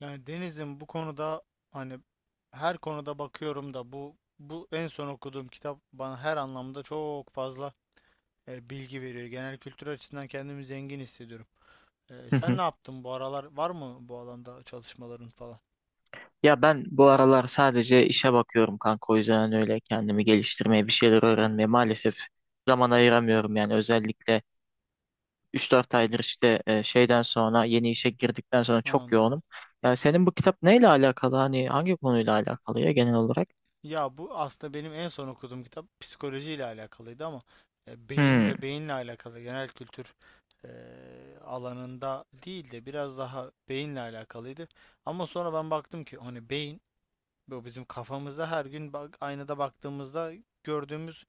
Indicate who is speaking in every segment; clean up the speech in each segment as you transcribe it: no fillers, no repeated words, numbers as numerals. Speaker 1: Yani Deniz'in bu konuda hani her konuda bakıyorum da bu en son okuduğum kitap bana her anlamda çok fazla bilgi veriyor. Genel kültür açısından kendimi zengin hissediyorum.
Speaker 2: Hı
Speaker 1: Sen ne
Speaker 2: hı.
Speaker 1: yaptın bu aralar? Var mı bu alanda çalışmaların falan?
Speaker 2: Ya ben bu aralar sadece işe bakıyorum kanka, o yüzden öyle kendimi geliştirmeye bir şeyler öğrenmeye maalesef zaman ayıramıyorum, yani özellikle üç dört aydır işte şeyden sonra yeni işe girdikten sonra
Speaker 1: Ha,
Speaker 2: çok
Speaker 1: anladım.
Speaker 2: yoğunum. Ya senin bu kitap neyle alakalı, hani hangi konuyla alakalı ya genel olarak?
Speaker 1: Ya bu aslında benim en son okuduğum kitap psikolojiyle alakalıydı ama beyin
Speaker 2: Hmm.
Speaker 1: ve beyinle alakalı genel kültür e, alanında değil de biraz daha beyinle alakalıydı. Ama sonra ben baktım ki hani beyin bu bizim kafamızda her gün bak, aynada baktığımızda gördüğümüz,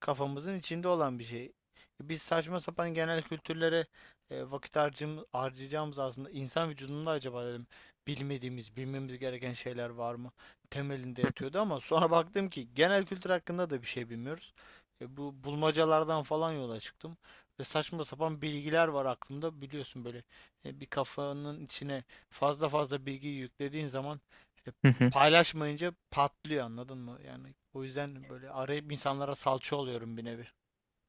Speaker 1: kafamızın içinde olan bir şey. Biz saçma sapan genel kültürlere vakit harcayacağımız aslında insan vücudunda acaba dedim, bilmediğimiz, bilmemiz gereken şeyler var mı? Temelinde yatıyordu ama sonra baktım ki genel kültür hakkında da bir şey bilmiyoruz. Bu bulmacalardan falan yola çıktım. Ve saçma sapan bilgiler var aklımda biliyorsun, böyle bir kafanın içine fazla fazla bilgi yüklediğin zaman e, paylaşmayınca patlıyor, anladın mı? Yani o yüzden böyle arayıp insanlara salça oluyorum bir nevi.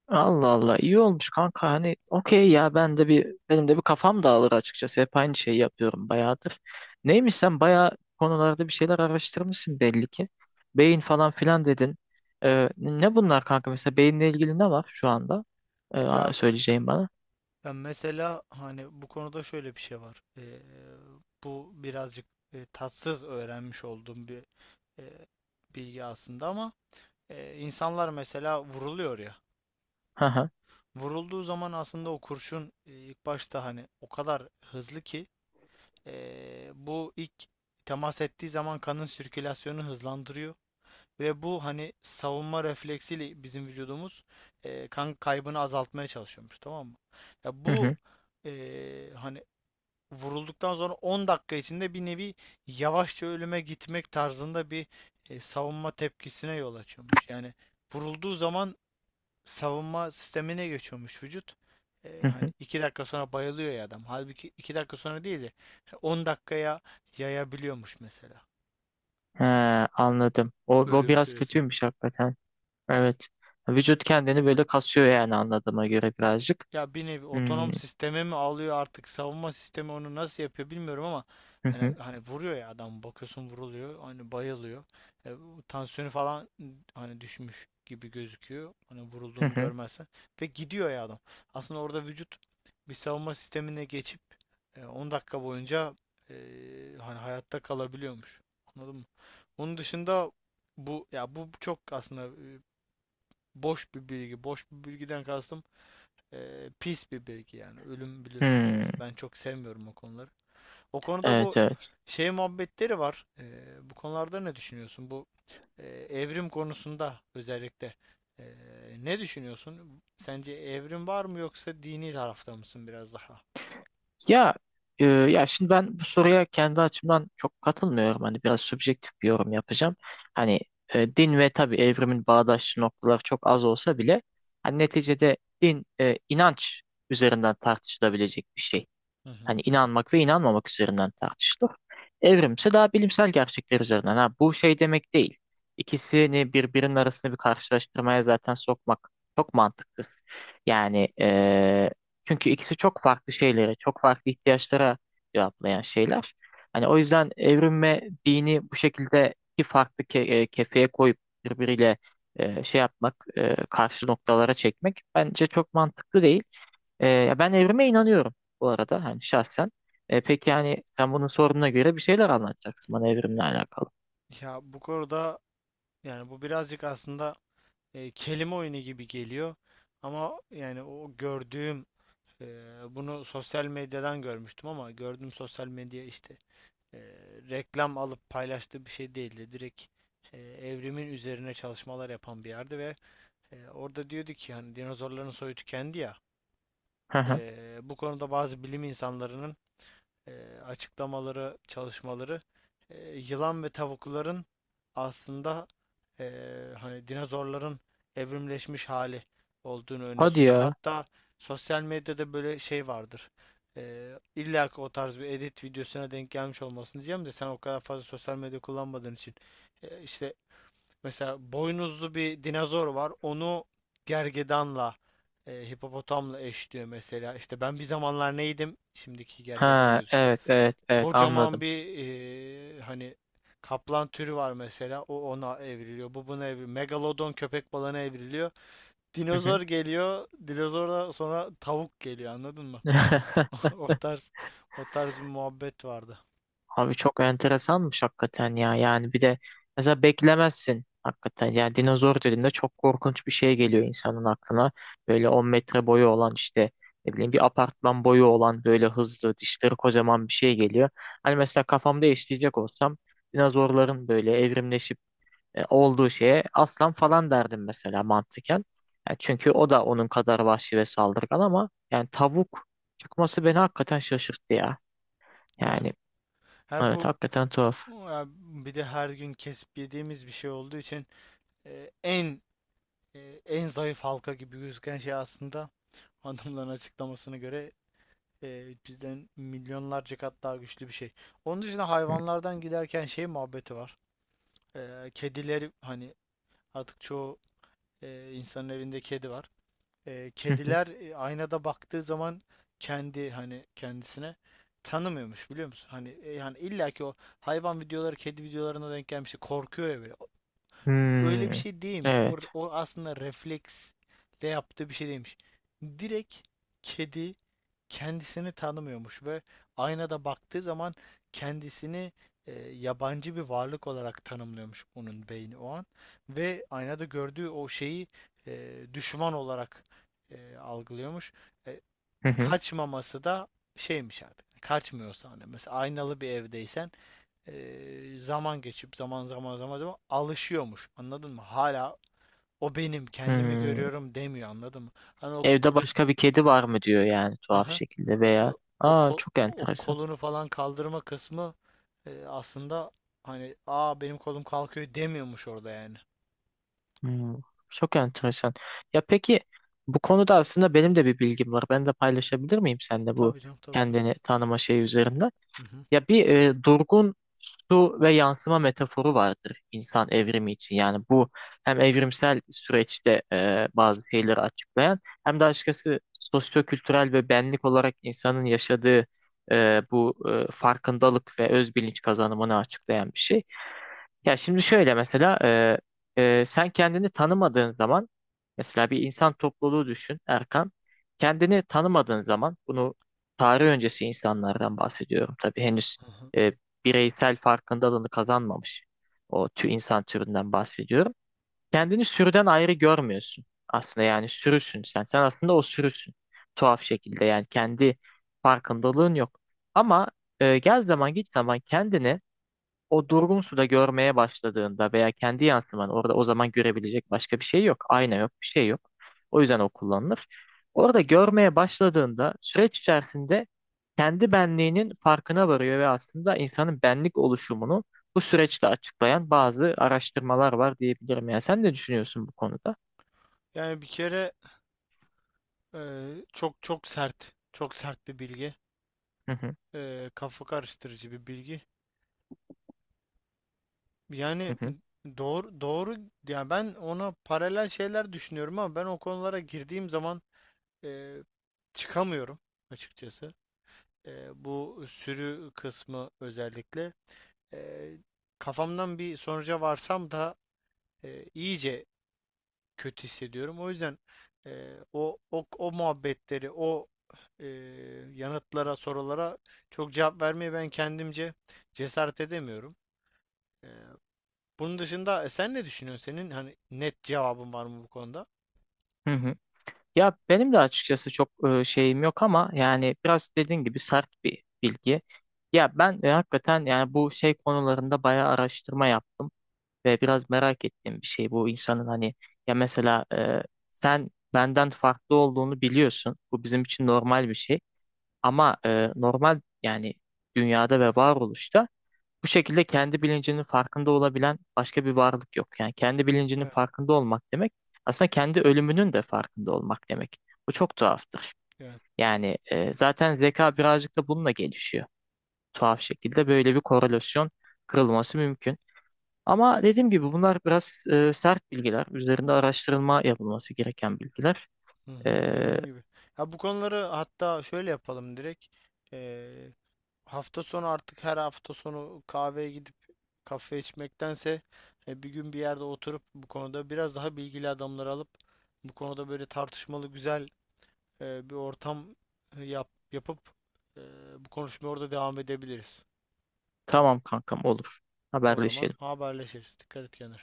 Speaker 2: Allah Allah, iyi olmuş kanka. Hani okey, ya ben de bir, benim de bir kafam dağılır açıkçası, hep aynı şeyi yapıyorum bayağıdır. Neymiş, sen bayağı konularda bir şeyler araştırmışsın belli ki. Beyin falan filan dedin. Ne bunlar kanka, mesela beyinle ilgili ne var şu anda?
Speaker 1: Ya
Speaker 2: Söyleyeceğim bana.
Speaker 1: ben mesela hani bu konuda şöyle bir şey var. Bu birazcık tatsız öğrenmiş olduğum bir e, bilgi aslında ama insanlar mesela vuruluyor ya.
Speaker 2: Hı hı.
Speaker 1: Vurulduğu zaman aslında o kurşun, ilk başta hani o kadar hızlı ki bu ilk temas ettiği zaman kanın sirkülasyonu hızlandırıyor. Ve bu hani savunma refleksiyle bizim vücudumuz kan kaybını azaltmaya çalışıyormuş, tamam mı? Ya
Speaker 2: Hı
Speaker 1: bu
Speaker 2: hı.
Speaker 1: hani vurulduktan sonra 10 dakika içinde bir nevi yavaşça ölüme gitmek tarzında bir savunma tepkisine yol açıyormuş. Yani vurulduğu zaman savunma sistemine geçiyormuş vücut.
Speaker 2: Hı
Speaker 1: Hani
Speaker 2: hı.
Speaker 1: 2 dakika sonra bayılıyor ya adam. Halbuki 2 dakika sonra değil de 10 dakikaya yayabiliyormuş mesela
Speaker 2: He, anladım. O
Speaker 1: ölüm
Speaker 2: biraz
Speaker 1: süresini.
Speaker 2: kötüymüş hakikaten. Evet. Vücut kendini böyle kasıyor yani, anladığıma göre
Speaker 1: Ya,
Speaker 2: birazcık.
Speaker 1: ya bir nevi
Speaker 2: Hmm.
Speaker 1: otonom sisteme mi alıyor artık, savunma sistemi onu nasıl yapıyor bilmiyorum ama
Speaker 2: Hı
Speaker 1: hani,
Speaker 2: hı.
Speaker 1: hani vuruyor ya adam, bakıyorsun vuruluyor, hani bayılıyor. Bu tansiyonu falan hani düşmüş gibi gözüküyor, hani
Speaker 2: Hı
Speaker 1: vurulduğunu
Speaker 2: hı.
Speaker 1: görmezsen, ve gidiyor ya adam, aslında orada vücut bir savunma sistemine geçip 10 dakika boyunca e, hani hayatta kalabiliyormuş, anladın mı? Onun dışında bu ya bu çok aslında e, boş bir bilgi, boş bir bilgiden kastım pis bir bilgi yani. Ölüm biliyorsun. Ölüm,
Speaker 2: Hmm.
Speaker 1: ben çok sevmiyorum o konuları. O konuda bu
Speaker 2: Evet, evet.
Speaker 1: şey muhabbetleri var. Bu konularda ne düşünüyorsun? Bu evrim konusunda özellikle e, ne düşünüyorsun? Sence evrim var mı, yoksa dini tarafta mısın biraz daha?
Speaker 2: Ya ya şimdi ben bu soruya kendi açımdan çok katılmıyorum. Hani biraz subjektif bir yorum yapacağım. Hani din ve tabii evrimin bağdaşlı noktaları çok az olsa bile, hani neticede din, inanç üzerinden tartışılabilecek bir şey.
Speaker 1: Hı hı.
Speaker 2: Hani inanmak ve inanmamak üzerinden tartışılır. Evrimse daha bilimsel gerçekler üzerinden. Ha, bu şey demek değil. İkisini birbirinin arasında bir karşılaştırmaya zaten sokmak çok mantıksız. Yani çünkü ikisi çok farklı şeylere, çok farklı ihtiyaçlara cevaplayan şeyler. Hani o yüzden evrim ve dini bu şekilde iki farklı kefeye koyup birbiriyle şey yapmak, karşı noktalara çekmek bence çok mantıklı değil. Ya ben evrime inanıyorum bu arada, hani şahsen. Peki yani sen bunun sorununa göre bir şeyler anlatacaksın bana evrimle alakalı.
Speaker 1: Ya bu konuda yani bu birazcık aslında kelime oyunu gibi geliyor. Ama yani o gördüğüm, e, bunu sosyal medyadan görmüştüm ama gördüğüm sosyal medya işte e, reklam alıp paylaştığı bir şey değildi. Direkt evrimin üzerine çalışmalar yapan bir yerdi ve orada diyordu ki hani dinozorların soyu tükendi ya.
Speaker 2: Hı hı.
Speaker 1: Bu konuda bazı bilim insanlarının e, açıklamaları, çalışmaları yılan ve tavukların aslında e, hani dinozorların evrimleşmiş hali olduğunu öne
Speaker 2: Hadi
Speaker 1: sürüyor.
Speaker 2: ya.
Speaker 1: Hatta sosyal medyada böyle şey vardır. E, illa ki o tarz bir edit videosuna denk gelmiş olmasın diyeceğim de, sen o kadar fazla sosyal medya kullanmadığın için. İşte mesela boynuzlu bir dinozor var. Onu gergedanla, hipopotamla eşliyor mesela. İşte ben bir zamanlar neydim? Şimdiki gergedan
Speaker 2: Ha,
Speaker 1: gözüküyor,
Speaker 2: evet evet evet,
Speaker 1: kocaman
Speaker 2: anladım.
Speaker 1: bir hani kaplan türü var mesela. O ona evriliyor. Bu buna evriliyor. Megalodon köpek balığına evriliyor.
Speaker 2: Hı
Speaker 1: Dinozor geliyor. Dinozordan sonra tavuk geliyor. Anladın mı?
Speaker 2: hı.
Speaker 1: O tarz o tarz bir muhabbet vardı.
Speaker 2: Abi çok enteresanmış hakikaten ya. Yani bir de mesela beklemezsin hakikaten. Yani dinozor dediğinde çok korkunç bir şey geliyor insanın aklına. Böyle 10 metre boyu olan, işte ne bileyim bir apartman boyu olan, böyle hızlı dişleri kocaman bir şey geliyor. Hani mesela kafamda işleyecek olsam dinozorların böyle evrimleşip olduğu şeye aslan falan derdim mesela, mantıken. Yani çünkü o da onun kadar vahşi ve saldırgan, ama yani tavuk çıkması beni hakikaten şaşırttı ya.
Speaker 1: Yani
Speaker 2: Yani
Speaker 1: her
Speaker 2: evet,
Speaker 1: bu
Speaker 2: hakikaten tuhaf.
Speaker 1: ya, bir de her gün kesip yediğimiz bir şey olduğu için e, en e, en zayıf halka gibi gözüken şey aslında adamların açıklamasına göre bizden milyonlarca kat daha güçlü bir şey. Onun dışında
Speaker 2: Hı
Speaker 1: hayvanlardan giderken şey muhabbeti var. Kedileri hani artık çoğu insanın evinde kedi var.
Speaker 2: hı.
Speaker 1: Kediler aynada baktığı zaman kendi, hani kendisine tanımıyormuş, biliyor musun? Hani yani illaki o hayvan videoları, kedi videolarına denk gelmişti. Korkuyor ya böyle. Öyle bir
Speaker 2: Hmm.
Speaker 1: şey değilmiş. O,
Speaker 2: Evet.
Speaker 1: o aslında refleksle yaptığı bir şey değilmiş. Direkt kedi kendisini tanımıyormuş ve aynada baktığı zaman kendisini yabancı bir varlık olarak tanımlıyormuş onun beyni o an, ve aynada gördüğü o şeyi düşman olarak algılıyormuş. E,
Speaker 2: Hı hı.
Speaker 1: Kaçmaması da şeymiş artık. Kaçmıyorsa hani, mesela aynalı bir evdeysen zaman geçip zaman zaman alışıyormuş. Anladın mı? Hala o benim kendimi
Speaker 2: Hmm.
Speaker 1: görüyorum demiyor, anladın mı? Hani o
Speaker 2: Evde
Speaker 1: böyle.
Speaker 2: başka bir kedi var mı diyor yani, tuhaf
Speaker 1: Aha.
Speaker 2: şekilde
Speaker 1: E,
Speaker 2: veya
Speaker 1: o
Speaker 2: aa,
Speaker 1: ko-
Speaker 2: çok
Speaker 1: o
Speaker 2: enteresan.
Speaker 1: kolunu falan kaldırma kısmı aslında hani aa benim kolum kalkıyor demiyormuş orada yani.
Speaker 2: Hmm, çok enteresan. Ya peki, bu konuda aslında benim de bir bilgim var. Ben de paylaşabilir miyim seninle bu
Speaker 1: Tabii canım, tabii buyur.
Speaker 2: kendini tanıma şeyi üzerinden?
Speaker 1: Hı hı.
Speaker 2: Ya bir durgun su ve yansıma metaforu vardır insan evrimi için. Yani bu hem evrimsel süreçte bazı şeyleri açıklayan, hem de açıkçası sosyokültürel ve benlik olarak insanın yaşadığı bu farkındalık ve özbilinç kazanımını açıklayan bir şey. Ya şimdi şöyle mesela sen kendini tanımadığın zaman, mesela bir insan topluluğu düşün Erkan. Kendini tanımadığın zaman, bunu tarih öncesi insanlardan bahsediyorum. Tabii henüz
Speaker 1: Aha.
Speaker 2: e, bireysel farkındalığını kazanmamış o insan türünden bahsediyorum. Kendini sürüden ayrı görmüyorsun aslında, yani sürüsün sen. Sen aslında o sürüsün, tuhaf şekilde, yani kendi farkındalığın yok. Ama gel zaman git zaman kendini o durgun suda görmeye başladığında veya kendi yansıman orada, o zaman görebilecek başka bir şey yok. Ayna yok, bir şey yok. O yüzden o kullanılır. Orada görmeye başladığında, süreç içerisinde kendi benliğinin farkına varıyor ve aslında insanın benlik oluşumunu bu süreçle açıklayan bazı araştırmalar var diyebilirim. Yani sen ne düşünüyorsun bu konuda?
Speaker 1: Yani bir kere e, çok çok sert, çok sert bir bilgi.
Speaker 2: Hı hı,
Speaker 1: Kafa karıştırıcı bir bilgi.
Speaker 2: hı
Speaker 1: Yani
Speaker 2: hı,
Speaker 1: doğru doğru, yani ben ona paralel şeyler düşünüyorum ama ben o konulara girdiğim zaman e, çıkamıyorum açıkçası. Bu sürü kısmı özellikle. Eee, Kafamdan bir sonuca varsam da iyice kötü hissediyorum. O yüzden o muhabbetleri, o eee, yanıtlara, sorulara çok cevap vermeye ben kendimce cesaret edemiyorum. Eee, Bunun dışında sen ne düşünüyorsun? Senin hani net cevabın var mı bu konuda?
Speaker 2: hı hı. Ya benim de açıkçası çok şeyim yok, ama yani biraz dediğin gibi sert bir bilgi. Ya ben hakikaten yani bu şey konularında bayağı araştırma yaptım ve biraz merak ettiğim bir şey bu insanın, hani ya mesela sen benden farklı olduğunu biliyorsun. Bu bizim için normal bir şey, ama normal yani dünyada ve varoluşta bu şekilde kendi bilincinin farkında olabilen başka bir varlık yok. Yani kendi bilincinin
Speaker 1: Evet,
Speaker 2: farkında olmak demek aslında kendi ölümünün de farkında olmak demek. Bu çok tuhaftır.
Speaker 1: evet.
Speaker 2: Yani zaten zeka birazcık da bununla gelişiyor. Tuhaf şekilde böyle bir korelasyon kırılması mümkün.
Speaker 1: E,
Speaker 2: Ama dediğim gibi bunlar biraz sert bilgiler. Üzerinde araştırılma yapılması gereken bilgiler.
Speaker 1: hı
Speaker 2: E,
Speaker 1: hı, dediğim gibi. Ya bu konuları hatta şöyle yapalım direkt. Hafta sonu, artık her hafta sonu kahveye gidip kafe içmektense bir gün bir yerde oturup bu konuda biraz daha bilgili adamları alıp bu konuda böyle tartışmalı güzel bir ortam yapıp e, bu konuşmaya orada devam edebiliriz.
Speaker 2: tamam kankam, olur.
Speaker 1: O zaman
Speaker 2: Haberleşelim.
Speaker 1: haberleşiriz. Dikkat et kendine.